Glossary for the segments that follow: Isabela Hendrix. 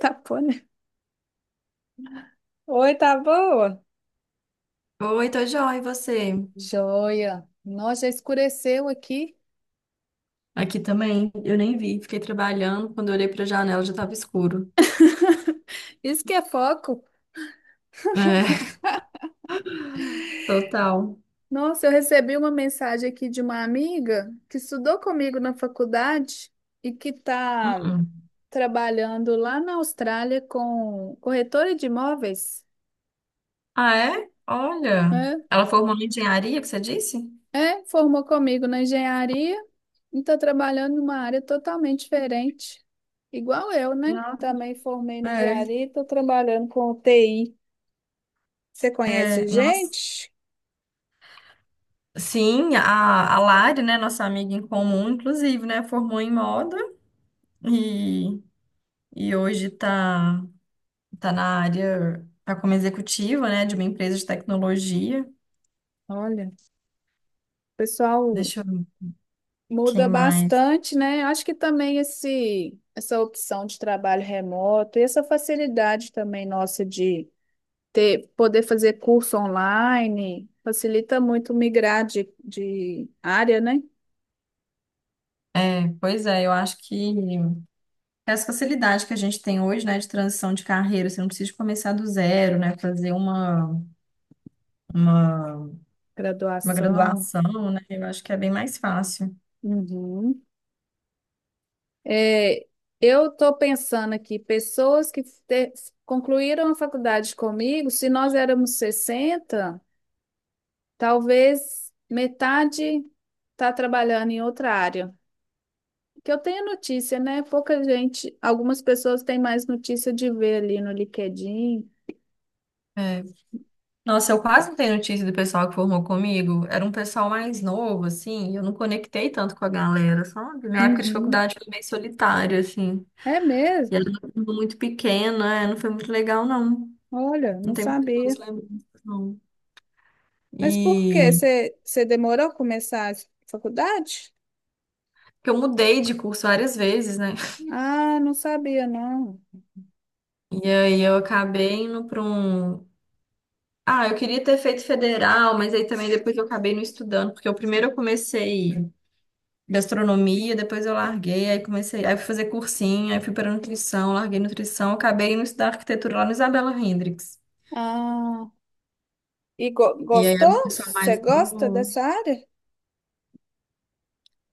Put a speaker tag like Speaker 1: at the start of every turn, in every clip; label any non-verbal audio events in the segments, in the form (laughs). Speaker 1: Tá bom, né? Oi, tá boa?
Speaker 2: Oi, tô joia, e você?
Speaker 1: Joia! Nossa, já escureceu aqui.
Speaker 2: Aqui também, eu nem vi, fiquei trabalhando, quando eu olhei pra janela já tava escuro.
Speaker 1: Isso que é foco.
Speaker 2: É, (laughs) total.
Speaker 1: Nossa, eu recebi uma mensagem aqui de uma amiga que estudou comigo na faculdade e que tá
Speaker 2: Uh-uh.
Speaker 1: trabalhando lá na Austrália com corretora de imóveis.
Speaker 2: Ah, é? Olha,
Speaker 1: É,
Speaker 2: ela formou em engenharia, que você disse?
Speaker 1: é, formou comigo na engenharia e tá trabalhando numa área totalmente diferente. Igual eu, né?
Speaker 2: Não.
Speaker 1: Também formei na
Speaker 2: É,
Speaker 1: engenharia e tô trabalhando com TI. Você conhece
Speaker 2: é, nossa.
Speaker 1: gente?
Speaker 2: Sim, a Lari, né, nossa amiga em comum, inclusive, né, formou em moda e, e hoje tá na área, tá como executiva, né, de uma empresa de tecnologia.
Speaker 1: Olha, o pessoal
Speaker 2: Deixa eu ver quem
Speaker 1: muda
Speaker 2: mais.
Speaker 1: bastante, né? Acho que também essa opção de trabalho remoto e essa facilidade também nossa de ter, poder fazer curso online facilita muito migrar de área, né?
Speaker 2: É, pois é, eu acho que essa facilidade que a gente tem hoje, né, de transição de carreira, você não precisa começar do zero, né, fazer uma, uma
Speaker 1: Graduação.
Speaker 2: graduação, né, eu acho que é bem mais fácil.
Speaker 1: Uhum. É, eu estou pensando aqui, pessoas concluíram a faculdade comigo. Se nós éramos 60, talvez metade está trabalhando em outra área. Que eu tenho notícia, né? Pouca gente, algumas pessoas têm mais notícia de ver ali no LinkedIn.
Speaker 2: É. Nossa, eu quase não tenho notícia do pessoal que formou comigo. Era um pessoal mais novo, assim, e eu não conectei tanto com a galera, sabe? Minha época de
Speaker 1: Uhum.
Speaker 2: faculdade foi bem solitária, assim.
Speaker 1: É
Speaker 2: E
Speaker 1: mesmo?
Speaker 2: era uma turma muito pequena, é, não foi muito legal, não.
Speaker 1: Olha,
Speaker 2: Não
Speaker 1: não
Speaker 2: tem
Speaker 1: sabia.
Speaker 2: muitas lembranças, não.
Speaker 1: Mas por quê?
Speaker 2: E
Speaker 1: Você demorou a começar a faculdade?
Speaker 2: porque eu mudei de curso várias vezes, né?
Speaker 1: Ah, não sabia, não.
Speaker 2: E aí eu acabei indo para um. Ah, eu queria ter feito federal, mas aí também depois eu acabei não estudando, porque eu primeiro eu comecei gastronomia, depois eu larguei, aí comecei, aí eu fui fazer cursinho, aí fui para nutrição, larguei nutrição, acabei indo estudar arquitetura lá no Isabela Hendrix.
Speaker 1: Ah, e
Speaker 2: E aí era um
Speaker 1: gostou?
Speaker 2: pessoal
Speaker 1: Você
Speaker 2: mais
Speaker 1: gosta
Speaker 2: novo.
Speaker 1: dessa área?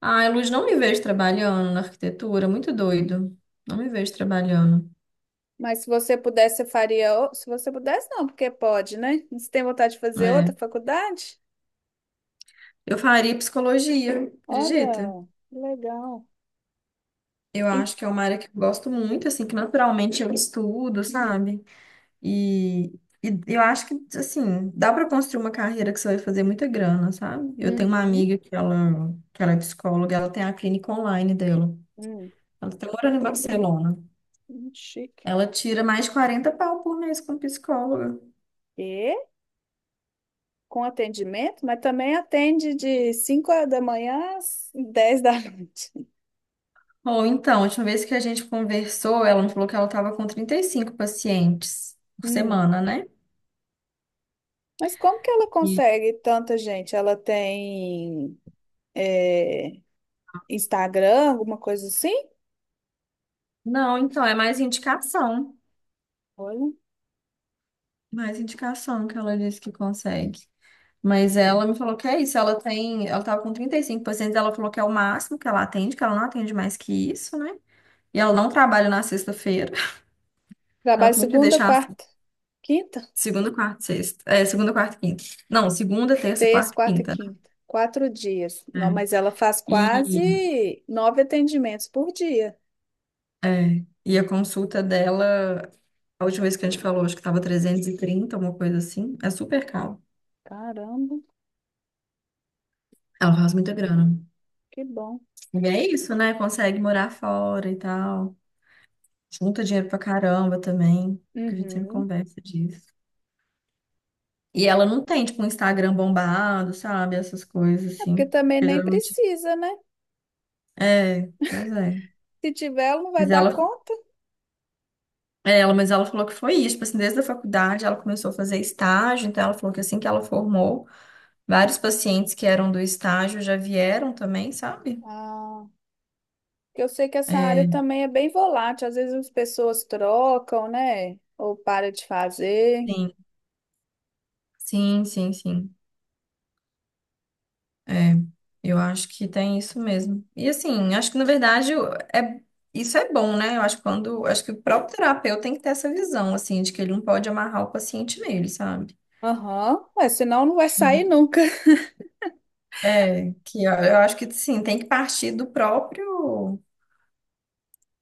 Speaker 2: Ai, Luz, não me vejo trabalhando na arquitetura, muito doido. Não me vejo trabalhando.
Speaker 1: Mas se você pudesse, você faria. Se você pudesse, não, porque pode, né? Você tem vontade de fazer
Speaker 2: É.
Speaker 1: outra faculdade?
Speaker 2: Eu faria psicologia, acredita?
Speaker 1: Olha, que legal.
Speaker 2: Eu
Speaker 1: Em-
Speaker 2: acho que é uma área que eu gosto muito, assim, que naturalmente eu estudo, sabe? E, e eu acho que, assim, dá para construir uma carreira que você vai fazer muita grana, sabe? Eu tenho uma
Speaker 1: Uhum,
Speaker 2: amiga que ela é psicóloga, ela tem a clínica online dela.
Speaker 1: hum,
Speaker 2: Ela está morando em Barcelona.
Speaker 1: chique.
Speaker 2: Ela tira mais de 40 pau por mês como psicóloga.
Speaker 1: E com atendimento, mas também atende de 5 da manhã às 10 da (laughs) noite.
Speaker 2: Ou então, a última vez que a gente conversou, ela me falou que ela estava com 35 pacientes por
Speaker 1: Hum,
Speaker 2: semana, né?
Speaker 1: Mas como que ela
Speaker 2: E,
Speaker 1: consegue tanta gente? Ela tem eh, Instagram, alguma coisa assim?
Speaker 2: não, então, é mais indicação.
Speaker 1: Olha.
Speaker 2: Mais indicação que ela disse que consegue. Mas ela me falou que é isso, ela tem, ela tava com 35%, ela falou que é o máximo que ela atende, que ela não atende mais que isso, né? E ela não trabalha na sexta-feira.
Speaker 1: Trabalho
Speaker 2: Ela sempre
Speaker 1: segunda,
Speaker 2: deixa assim,
Speaker 1: quarta, quinta,
Speaker 2: segunda, quarta, e sexta. É, segunda, quarta e quinta. Não, segunda, terça,
Speaker 1: terça,
Speaker 2: quarta e
Speaker 1: quarta e
Speaker 2: quinta,
Speaker 1: quinta. 4 dias. Não,
Speaker 2: né?
Speaker 1: mas ela faz
Speaker 2: É. E,
Speaker 1: quase nove atendimentos por dia.
Speaker 2: a consulta dela, a última vez que a gente falou, acho que tava 330, uma coisa assim. É super caro.
Speaker 1: Caramba,
Speaker 2: Ela faz muita grana.
Speaker 1: que bom.
Speaker 2: E é isso, né? Consegue morar fora e tal. Junta dinheiro pra caramba também, que a gente sempre
Speaker 1: Uhum.
Speaker 2: conversa disso. E ela não tem, tipo, um Instagram bombado, sabe? Essas coisas,
Speaker 1: É.
Speaker 2: assim.
Speaker 1: Porque também
Speaker 2: Porque
Speaker 1: nem
Speaker 2: geralmente.
Speaker 1: precisa, né?
Speaker 2: É, pois é.
Speaker 1: Se tiver, ela não vai
Speaker 2: Mas
Speaker 1: dar conta.
Speaker 2: ela falou que foi isso. Tipo assim, desde a faculdade ela começou a fazer estágio, então ela falou que assim que ela formou, vários pacientes que eram do estágio já vieram também, sabe?
Speaker 1: Ah, porque eu sei que essa área
Speaker 2: É,
Speaker 1: também é bem volátil. Às vezes as pessoas trocam, né? Ou para de fazer.
Speaker 2: sim, sim, sim, sim. É, eu acho que tem isso mesmo. E assim, acho que na verdade é, isso é bom, né? Eu acho que quando, acho que o próprio terapeuta tem que ter essa visão, assim, de que ele não pode amarrar o paciente nele, sabe?
Speaker 1: Aham, mas senão não vai sair
Speaker 2: Né?
Speaker 1: nunca. (laughs)
Speaker 2: É, que eu acho que sim, tem que partir do próprio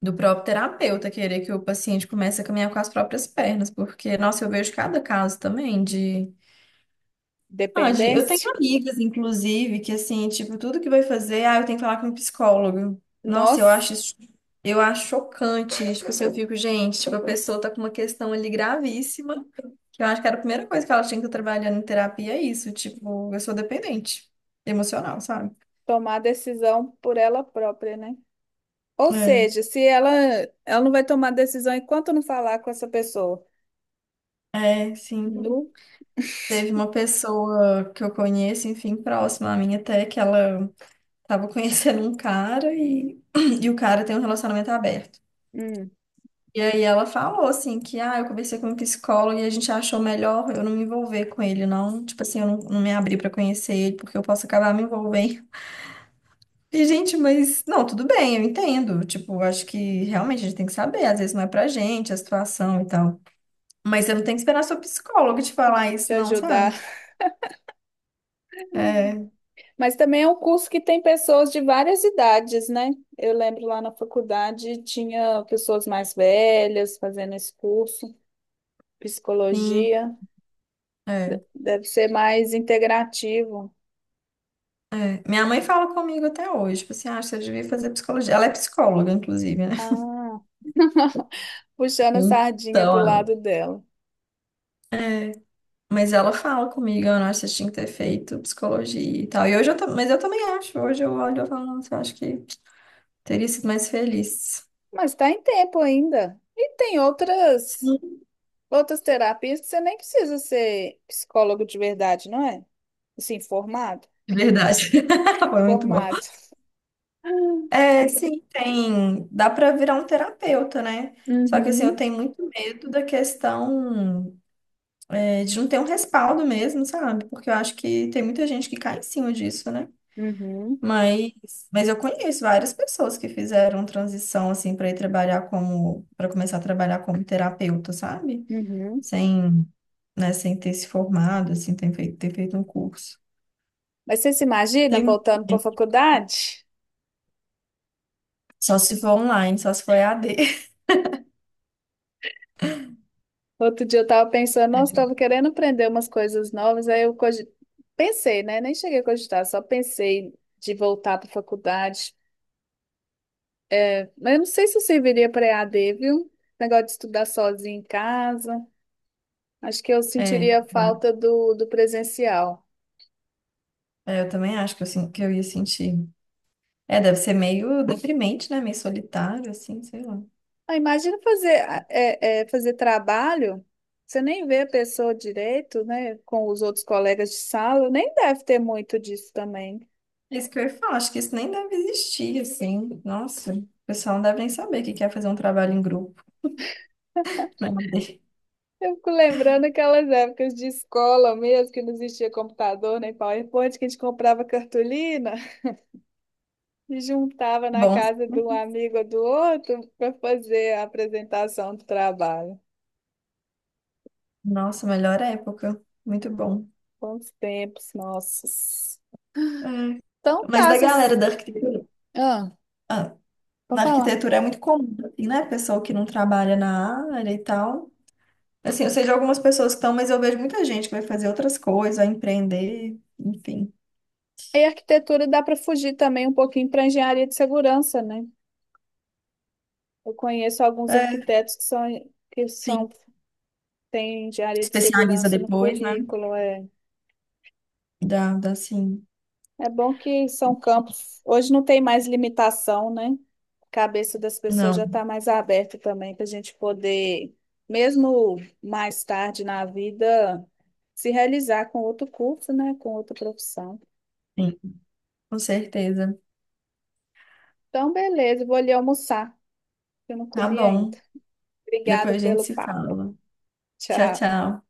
Speaker 2: do próprio terapeuta querer que o paciente comece a caminhar com as próprias pernas, porque, nossa, eu vejo cada caso também de Pode. Eu tenho
Speaker 1: Dependência.
Speaker 2: amigas, inclusive, que assim, tipo, tudo que vai fazer, ah, eu tenho que falar com um psicólogo. Nossa, eu
Speaker 1: Nós
Speaker 2: acho isso, eu acho chocante. Tipo, assim, eu fico, gente, tipo, a pessoa tá com uma questão ali gravíssima, que eu acho que era a primeira coisa que ela tinha que estar trabalhando em terapia, é isso, tipo, eu sou dependente emocional, sabe?
Speaker 1: tomar decisão por ela própria, né? Ou
Speaker 2: É,
Speaker 1: seja, se ela não vai tomar decisão enquanto não falar com essa pessoa.
Speaker 2: é, sim.
Speaker 1: Nu,
Speaker 2: Teve uma pessoa que eu conheço, enfim, próxima a mim até, que ela tava (laughs) conhecendo um cara e, (clears throat) e o cara tem um relacionamento aberto.
Speaker 1: hum,
Speaker 2: E aí ela falou assim que ah, eu conversei com um psicólogo e a gente achou melhor eu não me envolver com ele, não. Tipo assim, eu não, não me abrir pra conhecer ele porque eu posso acabar me envolvendo. (laughs) E, gente, mas não, tudo bem, eu entendo. Tipo, eu acho que realmente a gente tem que saber, às vezes não é pra gente a situação e tal. Mas você não tem que esperar seu psicólogo te falar isso,
Speaker 1: te
Speaker 2: não,
Speaker 1: ajudar.
Speaker 2: sabe? É,
Speaker 1: Mas também é um curso que tem pessoas de várias idades, né? Eu lembro lá na faculdade tinha pessoas mais velhas fazendo esse curso,
Speaker 2: sim,
Speaker 1: psicologia.
Speaker 2: é,
Speaker 1: Deve ser mais integrativo.
Speaker 2: é. Minha mãe fala comigo até hoje, tipo assim, ah, você devia fazer psicologia. Ela é psicóloga, inclusive, né?
Speaker 1: Ah, (laughs) puxando a sardinha pro
Speaker 2: Então,
Speaker 1: lado dela.
Speaker 2: mas ela fala comigo, eu não acho que você tinha que ter feito psicologia e tal. E hoje eu, mas eu também acho, hoje eu olho e falo, nossa, eu acho que teria sido mais feliz.
Speaker 1: Mas está em tempo ainda. E tem outras
Speaker 2: Sim,
Speaker 1: outras terapias que você nem precisa ser psicólogo de verdade, não é? Assim, formado?
Speaker 2: de verdade. (laughs) Foi muito bom.
Speaker 1: Formado. (laughs)
Speaker 2: É, sim, tem. Dá pra virar um terapeuta, né? Só que assim, eu
Speaker 1: Uhum,
Speaker 2: tenho muito medo da questão é, de não ter um respaldo mesmo, sabe? Porque eu acho que tem muita gente que cai em cima disso, né?
Speaker 1: uhum,
Speaker 2: Mas, mas eu conheço várias pessoas que fizeram transição assim para ir trabalhar como para começar a trabalhar como terapeuta, sabe?
Speaker 1: uhum.
Speaker 2: Sem, né, sem ter se formado, assim, ter feito um curso.
Speaker 1: Mas você se imagina
Speaker 2: Tem um-
Speaker 1: voltando para a faculdade?
Speaker 2: Só se for online, só se for EAD.
Speaker 1: Outro dia eu estava pensando, nossa, estava querendo aprender umas coisas novas. Aí eu pensei, né? Nem cheguei a cogitar, só pensei de voltar para a faculdade. Mas eu não sei se eu serviria para EAD, viu? Negócio de estudar sozinho em casa. Acho que eu
Speaker 2: É,
Speaker 1: sentiria
Speaker 2: vai.
Speaker 1: falta do presencial.
Speaker 2: É, eu também acho que eu, que eu ia sentir. É, deve ser meio deprimente, né? Meio solitário, assim, sei lá.
Speaker 1: Ah, imagina fazer, fazer trabalho, você nem vê a pessoa direito, né? Com os outros colegas de sala, nem deve ter muito disso também.
Speaker 2: É isso que eu ia falar, acho que isso nem deve existir, assim. Nossa, o pessoal não deve nem saber o que que é fazer um trabalho em grupo, né?
Speaker 1: Eu fico lembrando aquelas épocas de escola mesmo, que não existia computador nem PowerPoint, que a gente comprava cartolina e juntava na
Speaker 2: Bom.
Speaker 1: casa de um amigo ou do outro para fazer a apresentação do trabalho.
Speaker 2: Nossa, melhor época. Muito bom.
Speaker 1: Quantos tempos, nossos.
Speaker 2: É.
Speaker 1: Então
Speaker 2: Mas
Speaker 1: tá,
Speaker 2: da galera
Speaker 1: essas...
Speaker 2: da arquitetura,
Speaker 1: Ah,
Speaker 2: ah,
Speaker 1: vou
Speaker 2: na
Speaker 1: falar.
Speaker 2: arquitetura é muito comum, assim, né? Pessoa que não trabalha na área e tal. Assim, eu sei de algumas pessoas que estão, mas eu vejo muita gente que vai fazer outras coisas, vai empreender, enfim.
Speaker 1: E arquitetura dá para fugir também um pouquinho para engenharia de segurança, né? Eu conheço alguns
Speaker 2: É,
Speaker 1: arquitetos que são, que
Speaker 2: enfim,
Speaker 1: são, têm engenharia de
Speaker 2: especializa
Speaker 1: segurança no
Speaker 2: depois, né?
Speaker 1: currículo, é.
Speaker 2: Dá, dá sim.
Speaker 1: É bom que são campos. Hoje não tem mais limitação, né? A cabeça das pessoas já
Speaker 2: Não,
Speaker 1: está mais aberta também para a gente poder, mesmo mais tarde na vida, se realizar com outro curso, né? Com outra profissão.
Speaker 2: sim, com certeza.
Speaker 1: Então, beleza, vou ali almoçar, que eu não
Speaker 2: Tá
Speaker 1: comi
Speaker 2: bom.
Speaker 1: ainda. Obrigada
Speaker 2: Depois a gente
Speaker 1: pelo
Speaker 2: se
Speaker 1: papo.
Speaker 2: fala. Tchau,
Speaker 1: Tchau.
Speaker 2: tchau.